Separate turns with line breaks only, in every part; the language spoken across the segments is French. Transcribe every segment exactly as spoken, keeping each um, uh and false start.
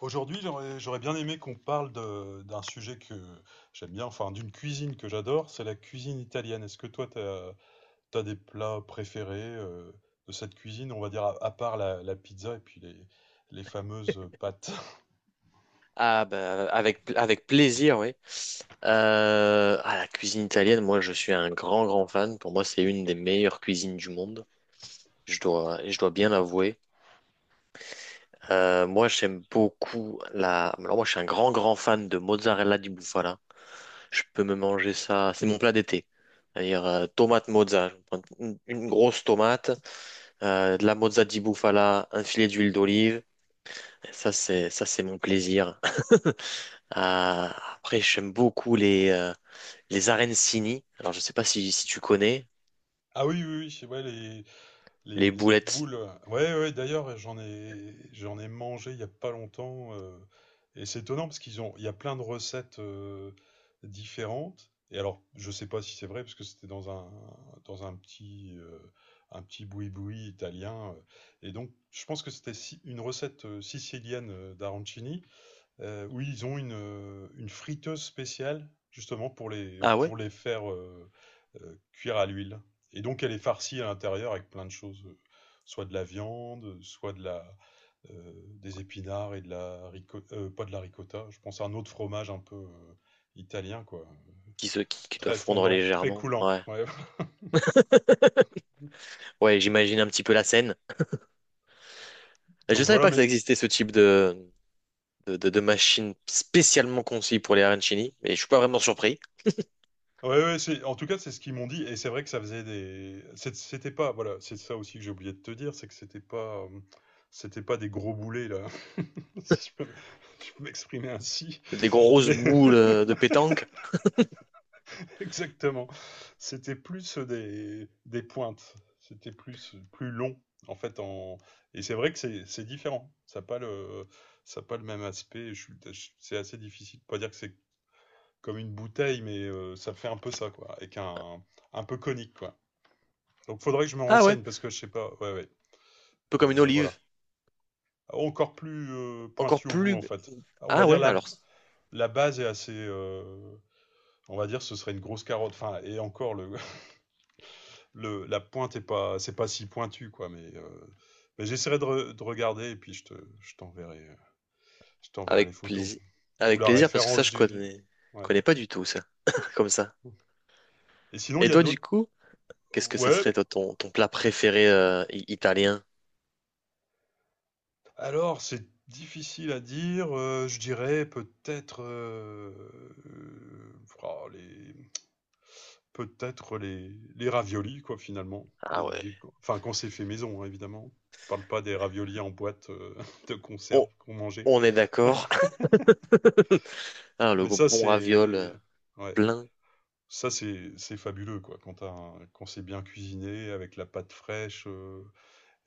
Aujourd'hui, j'aurais j'aurais bien aimé qu'on parle de- d'un sujet que j'aime bien, enfin d'une cuisine que j'adore, c'est la cuisine italienne. Est-ce que toi, tu as des plats préférés euh, de cette cuisine, on va dire, à, à part la, la pizza et puis les, les fameuses pâtes?
Ah bah avec avec plaisir, oui. Euh, ah, la cuisine italienne, moi je suis un grand grand fan. Pour moi, c'est une des meilleures cuisines du monde. Je dois je dois bien l'avouer. Euh, moi, j'aime beaucoup la. Alors moi, je suis un grand grand fan de mozzarella di bufala. Je peux me manger ça. C'est mon plat d'été. C'est-à-dire euh, tomate mozza, Je prends une, une grosse tomate, euh, de la mozza di bufala, un filet d'huile d'olive. Ça c'est ça c'est mon plaisir. Ah, après, j'aime beaucoup les, euh, Les arancini, alors je sais pas si, si tu connais,
Ah oui, oui, oui, ouais, les, Les,
les
les
boulettes.
boules, euh, ouais, ouais, d'ailleurs, j'en ai, j'en ai mangé il n'y a pas longtemps. Euh, et c'est étonnant parce qu'ils ont, il y a plein de recettes euh, différentes. Et alors, je sais pas si c'est vrai parce que c'était dans un, dans un petit, euh, un petit boui-boui italien. Euh, et donc, je pense que c'était si- une recette euh, sicilienne euh, d'arancini. Heu, oui, ils ont une, heu, une friteuse spéciale justement pour les
Ah ouais?
pour les faire, heu heu, cuire à l'huile, et donc elle est farcie à l'intérieur avec plein de choses, heu, soit de la viande, soit de la, heu, des épinards et de la rico heu, pas de la ricotta, je pense à un autre fromage un peu, heu, italien quoi,
Qui se qui, qui doivent
très
fondre
fondant, très
légèrement.
coulant,
Ouais.
ouais.
Ouais, j'imagine un petit peu la scène. Je
Donc
savais
voilà,
pas que
mais
ça existait ce type de, de, de- de machine spécialement conçue pour les arancini, mais je suis pas vraiment surpris.
ouais, ouais, c'est, en tout cas, c'est ce qu'ils m'ont dit. Et c'est vrai que ça faisait des. c'est- C'était pas. Voilà, c'est ça aussi que j'ai oublié de te dire, c'est que c'était pas. euh, C'était pas des gros boulets, là, si je peux, je peux m'exprimer ainsi.
Des grosses
Mais
boules euh, de pétanque.
exactement. C'était plus des, des pointes. C'était plus, plus long, en fait. En... Et c'est vrai que c'est c'est différent. Ça n'a pas le, ça a pas le même aspect. Je suis- je- C'est assez difficile. De Pas dire que c'est comme une bouteille, mais euh, ça fait un peu ça, quoi. Avec un, un peu conique, quoi. Donc faudrait que je me
Ah ouais, un
renseigne parce que je sais pas. Ouais, ouais.
peu comme une
Euh, voilà.
olive.
Encore plus euh,
Encore
pointu au bout
plus.
en fait. On va
Ah
dire
ouais,
la,
alors
la base est assez. Euh, on va dire ce serait une grosse carotte. Enfin et encore le, le la pointe est pas c'est pas si pointu quoi. Mais, euh, mais j'essaierai de, re- de regarder, et puis je te je t'enverrai euh, je t'enverrai les
avec
photos
plaisir.
ou
Avec
la
plaisir parce que ça
référence
je
du.
connais
Ouais.
connais pas du tout ça. Comme ça.
Et sinon
Et
il y a
toi du
d'autres.
coup, qu'est-ce que ça
Ouais.
serait toi, ton, ton plat préféré euh, i- italien?
Alors c'est difficile à dire. Euh, je dirais peut-être euh, euh, oh, les, peut-être les les raviolis quoi, finalement. Il y
Ah
a des
ouais.
des enfin quand c'est fait maison, hein, évidemment. Je parle pas des raviolis en boîte, heu, de conserve
On,
qu'on mangeait.
on est d'accord. Ah, le
Mais ça,
bon raviol
c'est
euh,
ouais,
plein.
ça, c'est c'est fabuleux, quoi, quand tu un quand c'est bien cuisiné avec la pâte fraîche, heu,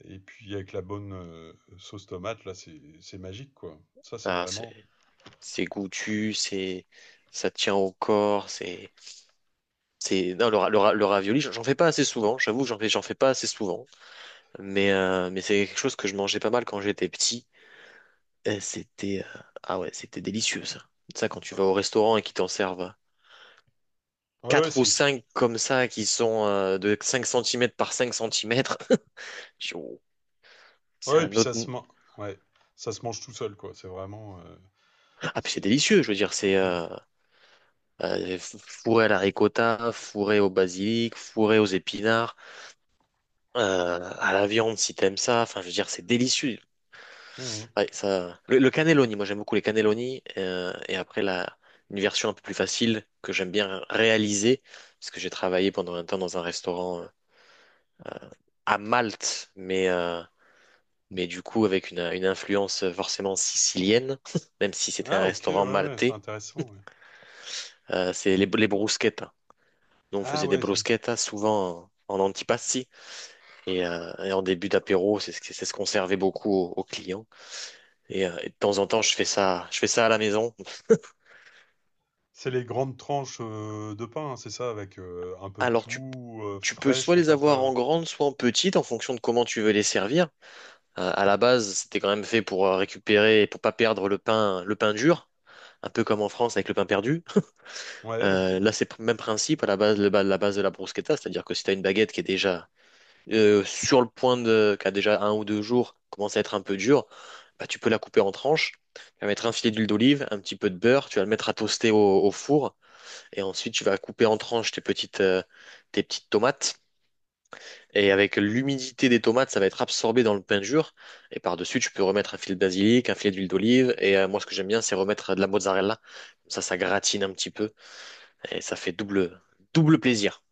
et puis avec la bonne, heu, sauce tomate, là, c'est c'est magique, quoi. Ça, c'est
Ah,
vraiment
c'est c'est goûtu, c'est ça tient au corps, c'est c'est non, le, ra- le, ra- le ravioli, j'en j'en fais pas assez souvent, j'avoue, j'en fais j'en fais pas assez souvent, mais euh, mais c'est quelque chose que je mangeais pas mal quand j'étais petit. Et C'était euh, Ah ouais, c'était délicieux ça. Ça quand tu vas au restaurant et qu'ils t'en servent
ah ouais, ouais,
quatre ou
c'est
cinq comme ça qui sont euh, de cinq centimètres par cinq centimètres. C'est
ouais, et
un
puis
autre.
ça se mange ouais, ça se mange tout seul, quoi. C'est vraiment, heu,
Ah, puis c'est
c'est
délicieux, je veux dire, c'est
mmh.
euh, euh, fourré à la ricotta, fourré au basilic, fourré aux épinards, euh, à la viande si t'aimes ça. Enfin, je veux dire, c'est délicieux.
Mmh mh.
Ouais, ça, le, le cannelloni, moi j'aime beaucoup les cannelloni. euh, et après, la, une version un peu plus facile que j'aime bien réaliser, parce que j'ai travaillé pendant un temps dans un restaurant euh, à Malte, mais, euh, mais du coup avec une, une influence forcément sicilienne, même si c'était un
Ah OK, ouais,
restaurant
ouais, c'est
maltais,
intéressant, ouais.
euh, c'est les, les bruschettas. Nous, on
Ah
faisait des
ouais, c'est
bruschettas souvent en antipasti et, euh, et en début d'apéro, c'est ce c'est ce qu'on servait beaucoup aux, aux clients. Et, euh, et de temps en temps, je fais ça, je fais ça à la maison.
c'est les grandes tranches, heu, de pain, hein, c'est ça? Avec, heu, un peu de
Alors, tu,
tout, heu,
tu peux
fraîche
soit
en
les
fait,
avoir
heu?
en grande, soit en petite, en fonction de comment tu veux les servir. Euh, à la base, c'était quand même fait pour euh, récupérer, et pour pas perdre le pain, le pain dur. Un peu comme en France avec le pain perdu.
Ouais, OK.
Euh, là, c'est le même principe à la base, le ba- la base de la bruschetta, c'est-à-dire que si tu as une baguette qui est déjà euh, sur le point de, qui a déjà un ou deux jours, commence à être un peu dur, bah, tu peux la couper en tranches. Tu vas mettre un filet d'huile d'olive, un petit peu de beurre, tu vas le mettre à toaster au, au four et ensuite tu vas couper en tranches tes petites, euh, tes petites tomates. Et avec l'humidité des tomates, ça va être absorbé dans le pain dur. Et par-dessus, tu peux remettre un filet de basilic, un filet d'huile d'olive. Et euh, moi, ce que j'aime bien, c'est remettre de la mozzarella. Comme ça, ça gratine un petit peu. Et ça fait double, double plaisir.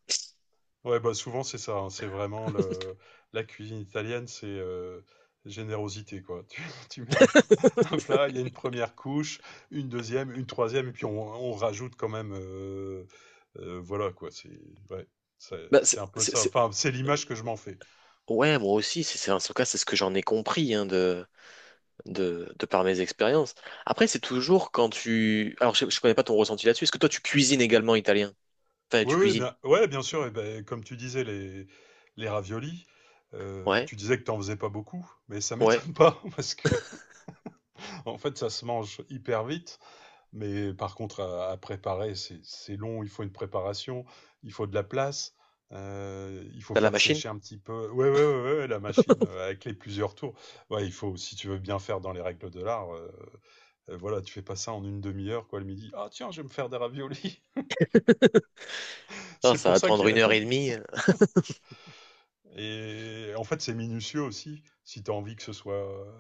Ouais, bah, souvent c'est ça, hein, c'est vraiment le la cuisine italienne, c'est, heu, générosité quoi. Tu tu mets un plat un plat, il y a une première couche, une deuxième, une troisième et puis on on rajoute quand même, heu heu, voilà quoi, c'est ouais, c'est
Bah, c'est-
c'est un peu
c'est-
ça.
c'est-
Enfin, c'est l'image que je m'en fais.
Ouais, moi aussi. C'est, c'est- en tout cas, c'est ce que j'en ai compris hein, de, de, de par mes expériences. Après, c'est toujours quand tu... Alors, je, je connais pas ton ressenti là-dessus. Est-ce que toi, tu cuisines également italien? Enfin,
Oui,
tu
oui,
cuisines.
bien, ouais, bien sûr. Et ben, comme tu disais, les, les raviolis, euh,
Ouais,
tu disais que tu n'en faisais pas beaucoup, mais ça
ouais.
m'étonne pas parce que, en fait, ça se mange hyper vite. Mais par contre, à, à préparer, c'est c'est long. Il faut une préparation, il faut de la place, euh, il faut
T'as la
faire
machine?
sécher un petit peu. Ouais, ouais, ouais, ouais, la machine euh, avec les plusieurs tours. Ouais, il faut, si tu veux bien faire dans les règles de l'art, euh, euh, voilà, tu fais pas ça en une demi-heure, quoi, le midi. Ah, tiens, je vais me faire des raviolis.
Non,
C'est
ça
pour
va te
ça
prendre une
que
heure et demie.
et en fait, c'est minutieux aussi, si tu as envie que ce soit euh,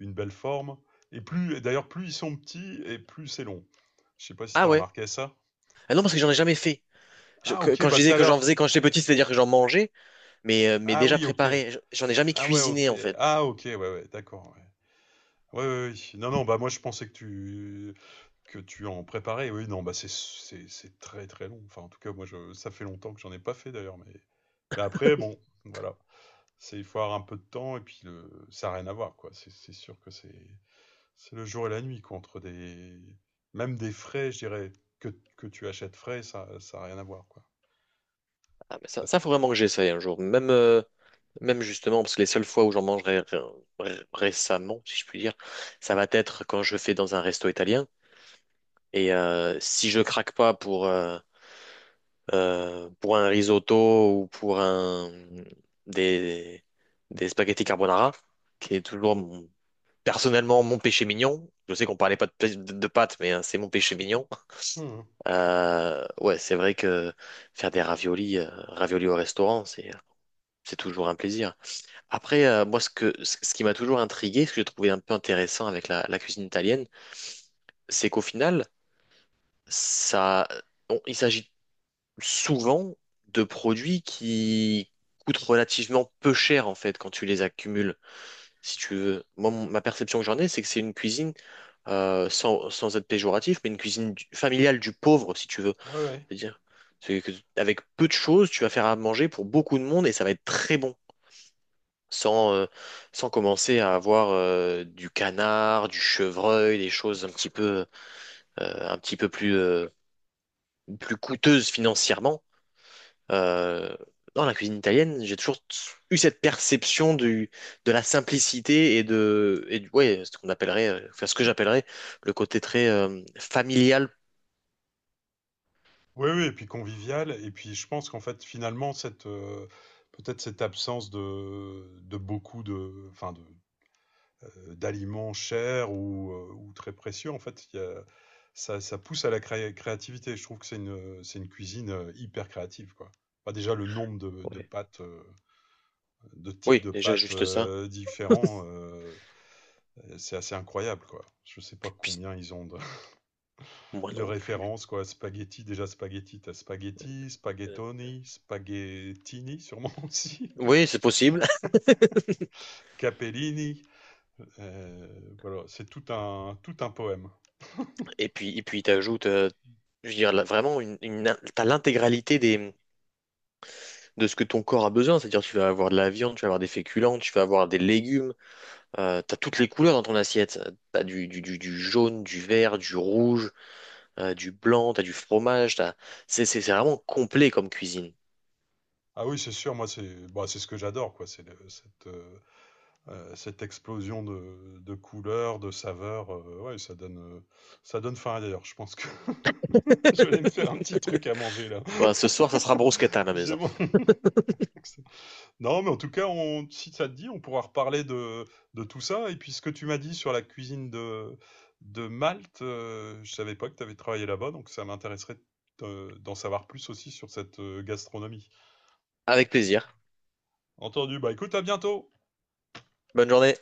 une belle forme. Et plus, et d'ailleurs, plus ils sont petits et plus c'est long. Je sais pas si tu
Ah
as
ouais.
remarqué ça.
Ah non, parce que j'en ai jamais fait. Je-
Ah,
que-
OK,
quand je
bah tout
disais
à
que j'en
l'heure.
faisais quand j'étais petit, c'est-à-dire que j'en mangeais, mais, euh, mais
Ah
déjà
oui, OK.
préparé. Je- J'en ai jamais
Ah ouais,
cuisiné,
OK.
en fait.
Ah OK, ouais, ouais, d'accord. Ouais. Ouais, ouais, ouais. Non, non, bah moi je pensais que tu que tu en préparais. Oui, non, bah c'est c'est c'est très très long. Enfin, en tout cas, moi je ça fait longtemps que j'en ai pas fait d'ailleurs, mais mais après bon, voilà. C'est il faut avoir un peu de temps, et puis le ça a rien à voir quoi. C'est c'est sûr que c'est C'est le jour et la nuit contre des. Même des frais, je dirais, que, que tu achètes frais, ça ça a rien à voir, quoi.
Ah, mais ça, ça, faut vraiment que j'essaye un jour. Même, euh, même justement, parce que les seules fois où j'en mangerai ré- ré- récemment, si je puis dire, ça va être quand je fais dans un resto italien. Et euh, si je craque pas pour... euh, euh, pour un risotto ou pour un, des, des spaghettis carbonara, qui est toujours mon- personnellement mon péché mignon. Je sais qu'on parlait pas de, pê- de, de pâtes, mais hein, c'est mon péché mignon.
Mmh.
Euh, ouais, c'est vrai que faire des raviolis, euh, raviolis au restaurant, c'est c'est toujours un plaisir. Après, euh, moi, ce que ce ce qui m'a toujours intrigué, ce que j'ai trouvé un peu intéressant avec la, la cuisine italienne, c'est qu'au final, ça, on- il s'agit souvent de produits qui coûtent relativement peu cher en fait quand tu les accumules, si tu veux. Moi, mon- ma perception que j'en ai, c'est que c'est une cuisine, euh, sans, sans être péjoratif, mais une cuisine du- familiale du pauvre, si tu veux.
Ouais, ouais.
C'est-à-dire c'est que avec peu de choses, tu vas faire à manger pour beaucoup de monde et ça va être très bon. Sans, euh, sans commencer à avoir euh, du canard, du chevreuil, des choses un petit peu, euh, un petit peu plus, euh, plus coûteuses financièrement. Euh, Dans la cuisine italienne, j'ai toujours eu cette perception du, de la simplicité et de, et du, ouais, ce qu'on appellerait, euh, enfin, ce que j'appellerais le côté très euh, familial.
Oui, oui, et puis convivial. Et puis je pense qu'en fait, finalement, cette euh, peut-être cette absence de, de beaucoup de, enfin de, euh, d'aliments chers ou, euh, ou très précieux, en fait, il y a- ça, ça pousse à la cré- créativité. Je trouve que c'est une, c'est une cuisine euh, hyper créative, quoi. Enfin, déjà, le nombre de, de
Ouais.
pâtes, euh, de types
Oui,
de
déjà
pâtes
juste ça.
euh, différents, euh, c'est assez incroyable, quoi. Je sais pas
Puis,
combien ils ont de,
moi
de
non plus.
références, quoi. Spaghetti, déjà spaghetti, t'as spaghetti,
Euh,
spaghettoni, spaghettini, sûrement aussi.
oui, c'est possible.
Capellini. Euh, voilà, c'est tout un, tout un poème.
Et puis, et puis, t'ajoutes, euh, je veux dire, là, vraiment, une, une, t'as l'intégralité des, de ce que ton corps a besoin. C'est-à-dire, tu vas avoir de la viande, tu vas avoir des féculents, tu vas avoir des légumes. Euh, t'as toutes les couleurs dans ton assiette. T'as du, du, du, du jaune, du vert, du rouge. Euh, du blanc, t'as du fromage, t'as... C'est, c'est, c'est vraiment complet comme cuisine.
Ah oui, c'est sûr, moi, c'est bah, c'est ce que j'adore, quoi. C'est le- cette, euh, euh, cette explosion de, de couleurs, de saveurs. Euh, ouais, ça donne, euh, ça donne faim, d'ailleurs. Je pense que je vais aller me faire un petit truc à manger, là.
Voilà, ce soir, ça sera brusquette à la
J'ai
maison.
mon... Non, mais en tout cas, on, si ça te dit, on pourra reparler de, de tout ça. Et puis, ce que tu m'as dit sur la cuisine de, de Malte, euh, je savais pas que tu avais travaillé là-bas, donc ça m'intéresserait euh, d'en savoir plus aussi sur cette euh, gastronomie.
Avec plaisir.
Entendu, bah écoute, à bientôt!
Bonne journée.